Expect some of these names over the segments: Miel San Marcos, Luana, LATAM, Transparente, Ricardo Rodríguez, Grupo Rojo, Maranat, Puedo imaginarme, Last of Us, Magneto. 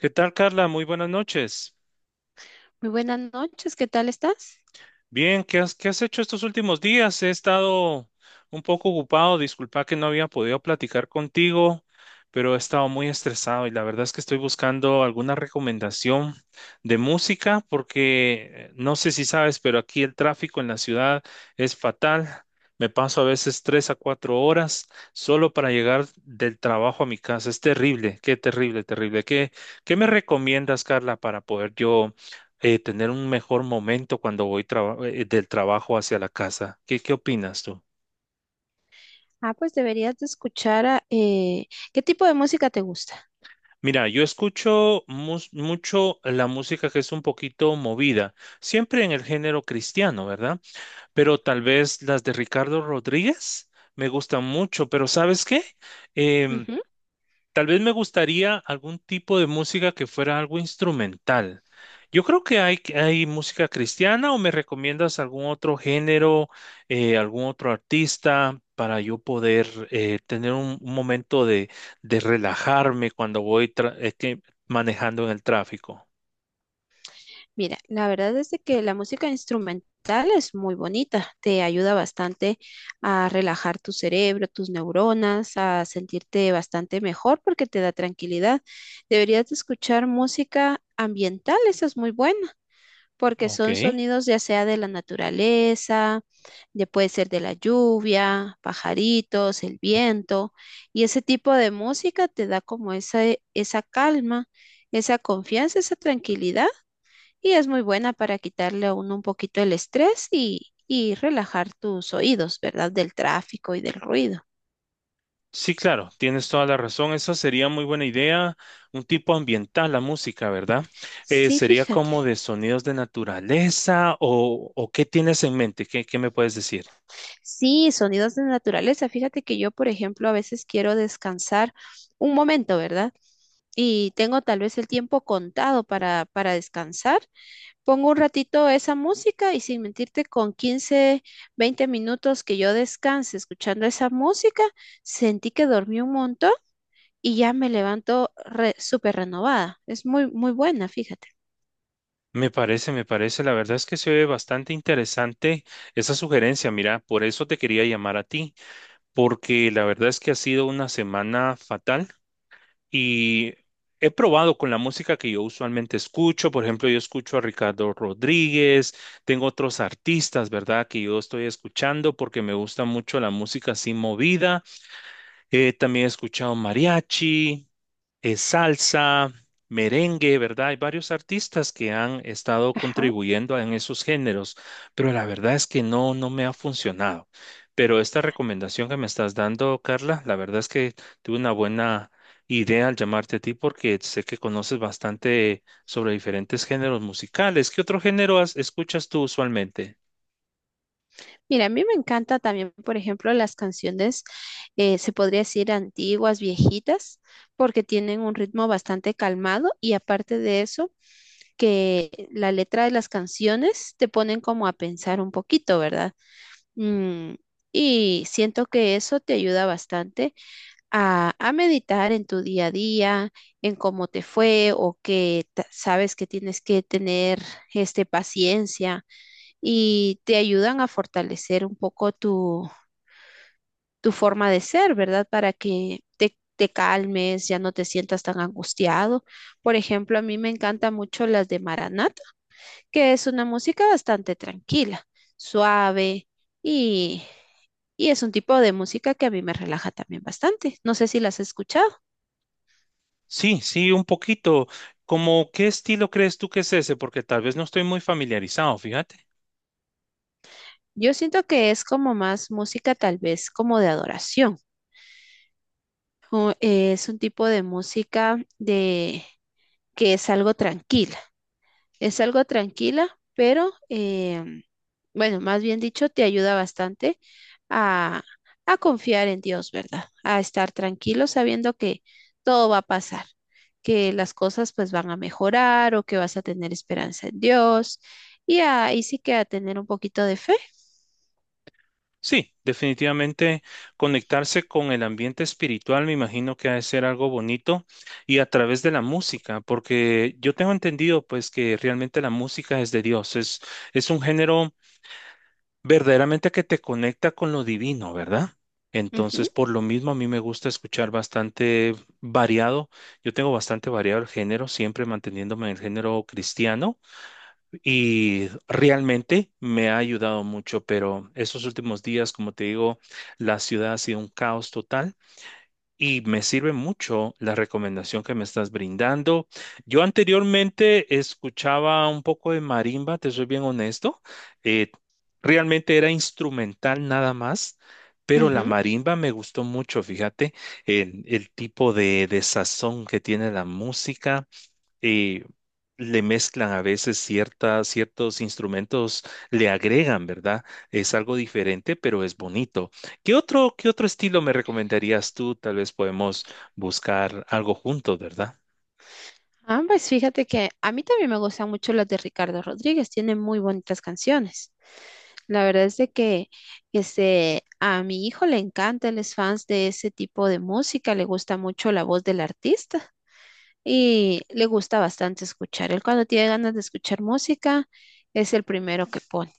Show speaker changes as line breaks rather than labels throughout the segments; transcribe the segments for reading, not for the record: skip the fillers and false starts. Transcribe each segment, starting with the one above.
¿Qué tal, Carla? Muy buenas noches.
Muy buenas noches, ¿qué tal estás?
Bien, ¿qué has hecho estos últimos días? He estado un poco ocupado, disculpa que no había podido platicar contigo, pero he estado muy estresado y la verdad es que estoy buscando alguna recomendación de música porque no sé si sabes, pero aquí el tráfico en la ciudad es fatal. Me paso a veces tres a cuatro horas solo para llegar del trabajo a mi casa. Es terrible, qué terrible, terrible. ¿Qué, qué me recomiendas, Carla, para poder yo tener un mejor momento cuando voy del trabajo hacia la casa? ¿Qué, qué opinas tú?
Ah, pues deberías de escuchar a, ¿qué tipo de música te gusta?
Mira, yo escucho mucho la música que es un poquito movida, siempre en el género cristiano, ¿verdad? Pero tal vez las de Ricardo Rodríguez me gustan mucho, pero ¿sabes qué? Em,
Ujú.
Tal vez me gustaría algún tipo de música que fuera algo instrumental. Yo creo que hay música cristiana, o me recomiendas algún otro género, algún otro artista para yo poder tener un momento de relajarme cuando voy manejando en el tráfico.
Mira, la verdad es de que la música instrumental es muy bonita, te ayuda bastante a relajar tu cerebro, tus neuronas, a sentirte bastante mejor porque te da tranquilidad. Deberías de escuchar música ambiental, esa es muy buena, porque
Ok.
son sonidos ya sea de la naturaleza, de, puede ser de la lluvia, pajaritos, el viento, y ese tipo de música te da como esa calma, esa confianza, esa tranquilidad, y es muy buena para quitarle a uno un poquito el estrés y relajar tus oídos, ¿verdad? Del tráfico y del ruido.
Sí, claro, tienes toda la razón. Esa sería muy buena idea. Un tipo ambiental, la música, ¿verdad?
Sí,
Sería
fíjate.
como de sonidos de naturaleza, o ¿qué tienes en mente? ¿Qué, qué me puedes decir?
Sí, sonidos de naturaleza. Fíjate que yo, por ejemplo, a veces quiero descansar un momento, ¿verdad? Y tengo tal vez el tiempo contado para descansar. Pongo un ratito esa música y sin mentirte, con 15, 20 minutos que yo descanse escuchando esa música, sentí que dormí un montón y ya me levanto súper renovada. Es muy, muy buena, fíjate.
Me parece, me parece. La verdad es que se ve bastante interesante esa sugerencia. Mira, por eso te quería llamar a ti, porque la verdad es que ha sido una semana fatal. Y he probado con la música que yo usualmente escucho, por ejemplo, yo escucho a Ricardo Rodríguez, tengo otros artistas, ¿verdad? Que yo estoy escuchando porque me gusta mucho la música así movida. También he escuchado mariachi, salsa, merengue, ¿verdad? Hay varios artistas que han estado
Ajá.
contribuyendo en esos géneros, pero la verdad es que no me ha funcionado. Pero esta recomendación que me estás dando, Carla, la verdad es que tuve una buena idea al llamarte a ti porque sé que conoces bastante sobre diferentes géneros musicales. ¿Qué otro género escuchas tú usualmente?
Mira, a mí me encanta también, por ejemplo, las canciones, se podría decir antiguas, viejitas, porque tienen un ritmo bastante calmado y aparte de eso, que la letra de las canciones te ponen como a pensar un poquito, ¿verdad? Mm, y siento que eso te ayuda bastante a meditar en tu día a día, en cómo te fue o sabes que tienes que tener este, paciencia y te ayudan a fortalecer un poco tu forma de ser, ¿verdad? Para que te calmes, ya no te sientas tan angustiado. Por ejemplo, a mí me encantan mucho las de Maranat, que es una música bastante tranquila, suave y, y es un tipo de música que a mí me relaja también bastante. No sé si las has escuchado.
Sí, sí, un poquito. ¿Como qué estilo crees tú que es ese? Porque tal vez no estoy muy familiarizado, fíjate.
Yo siento que es como más música tal vez como de adoración, o, es un tipo de música de que es algo tranquila. Es algo tranquila, pero bueno, más bien dicho, te ayuda bastante a, a confiar en Dios, ¿verdad? A estar tranquilo sabiendo que todo va a pasar, que las cosas pues van a mejorar o que vas a tener esperanza en Dios y ahí sí que a tener un poquito de fe.
Sí, definitivamente conectarse con el ambiente espiritual me imagino que ha de ser algo bonito, y a través de la música, porque yo tengo entendido pues que realmente la música es de Dios, es un género verdaderamente que te conecta con lo divino, ¿verdad? Entonces, por lo mismo a mí me gusta escuchar bastante variado, yo tengo bastante variado el género, siempre manteniéndome en el género cristiano. Y realmente me ha ayudado mucho, pero estos últimos días, como te digo, la ciudad ha sido un caos total y me sirve mucho la recomendación que me estás brindando. Yo anteriormente escuchaba un poco de marimba, te soy bien honesto. eh, Realmente era instrumental nada más, pero
Ujú,
la
ujú.
marimba me gustó mucho, fíjate, el tipo de sazón que tiene la música. eh, Le mezclan a veces ciertas, ciertos instrumentos, le agregan, ¿verdad? Es algo diferente, pero es bonito. Qué otro estilo me recomendarías tú? Tal vez podemos buscar algo juntos, ¿verdad?
Ah, pues fíjate que a mí también me gustan mucho las de Ricardo Rodríguez, tiene muy bonitas canciones. La verdad es de que este, a mi hijo le encanta, él es fans de ese tipo de música, le gusta mucho la voz del artista y le gusta bastante escuchar. Él cuando tiene ganas de escuchar música es el primero que pone,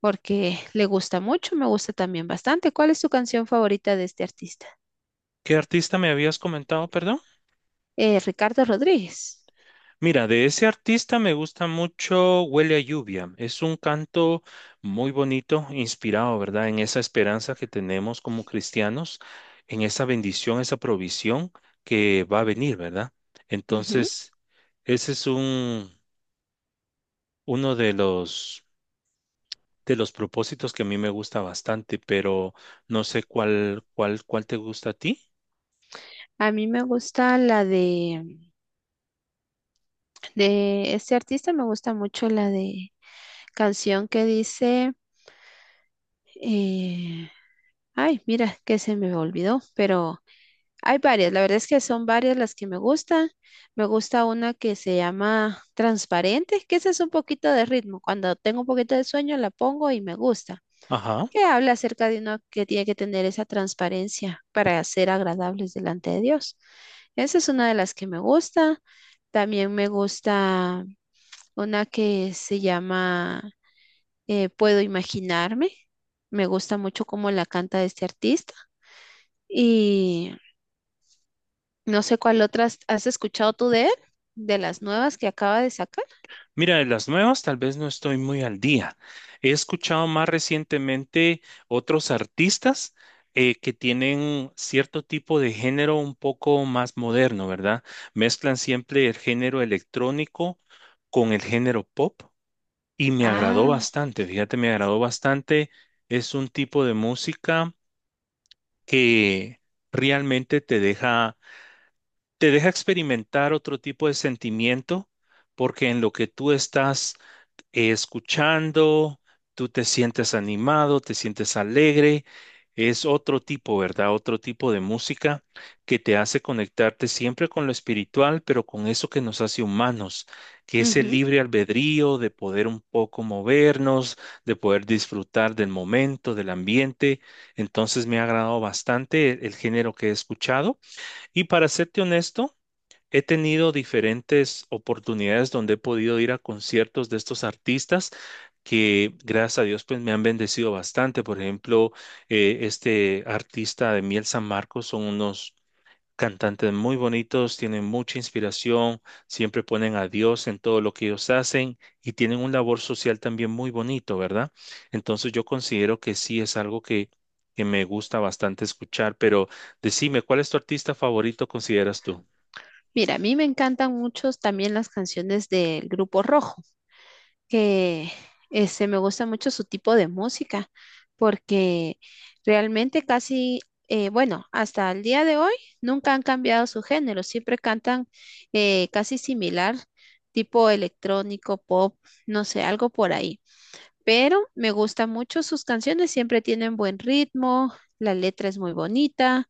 porque le gusta mucho, me gusta también bastante. ¿Cuál es tu canción favorita de este artista?
¿Qué artista me habías comentado, perdón?
Ricardo Rodríguez.
Mira, de ese artista me gusta mucho Huele a Lluvia. Es un canto muy bonito, inspirado, ¿verdad? En esa esperanza que tenemos como cristianos, en esa bendición, esa provisión que va a venir, ¿verdad?
Ujú.
Entonces, ese es un, uno de los propósitos que a mí me gusta bastante, pero no sé cuál te gusta a ti.
A mí me gusta la de este artista, me gusta mucho la de canción que dice... eh, Ay, mira, que se me olvidó, pero hay varias. La verdad es que son varias las que me gustan. Me gusta una que se llama Transparente, que esa es un poquito de ritmo. Cuando tengo un poquito de sueño la pongo y me gusta.
Ajá.
Que habla acerca de uno que tiene que tener esa transparencia para ser agradables delante de Dios. Esa es una de las que me gusta. También me gusta una que se llama Puedo imaginarme. Me gusta mucho cómo la canta este artista. Y no sé cuál otras has escuchado tú de él, de las nuevas que acaba de sacar.
Mira, de las nuevas tal vez no estoy muy al día. He escuchado más recientemente otros artistas que tienen cierto tipo de género un poco más moderno, ¿verdad? Mezclan siempre el género electrónico con el género pop y me agradó
Ah,
bastante, fíjate, me agradó bastante. Es un tipo de música que realmente te deja experimentar otro tipo de sentimiento porque en lo que tú estás escuchando, tú te sientes animado, te sientes alegre. Es otro tipo, ¿verdad? Otro tipo de música que te hace conectarte siempre con lo espiritual, pero con eso que nos hace humanos, que es el
ujú.
libre albedrío de poder un poco movernos, de poder disfrutar del momento, del ambiente. Entonces me ha agradado bastante el género que he escuchado. Y para serte honesto, he tenido diferentes oportunidades donde he podido ir a conciertos de estos artistas que gracias a Dios pues me han bendecido bastante. Por ejemplo, este artista de Miel San Marcos, son unos cantantes muy bonitos, tienen mucha inspiración, siempre ponen a Dios en todo lo que ellos hacen y tienen un labor social también muy bonito, ¿verdad? Entonces yo considero que sí es algo que me gusta bastante escuchar, pero decime, ¿cuál es tu artista favorito consideras tú?
Mira, a mí me encantan mucho también las canciones del Grupo Rojo, que este, me gusta mucho su tipo de música, porque realmente casi, bueno, hasta el día de hoy nunca han cambiado su género, siempre cantan casi similar, tipo electrónico, pop, no sé, algo por ahí, pero me gustan mucho sus canciones, siempre tienen buen ritmo, la letra es muy bonita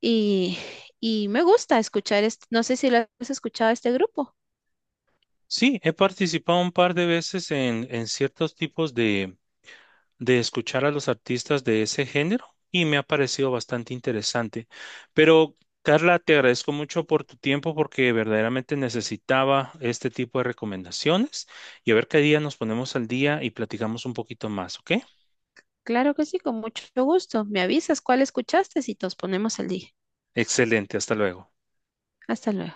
y, y me gusta escuchar, este, no sé si lo has escuchado este grupo.
Sí, he participado un par de veces en ciertos tipos de escuchar a los artistas de ese género y me ha parecido bastante interesante. Pero, Carla, te agradezco mucho por tu tiempo porque verdaderamente necesitaba este tipo de recomendaciones y a ver qué día nos ponemos al día y platicamos un poquito más, ¿ok?
Claro que sí, con mucho gusto. Me avisas cuál escuchaste y nos ponemos al día.
Excelente, hasta luego.
Hasta luego.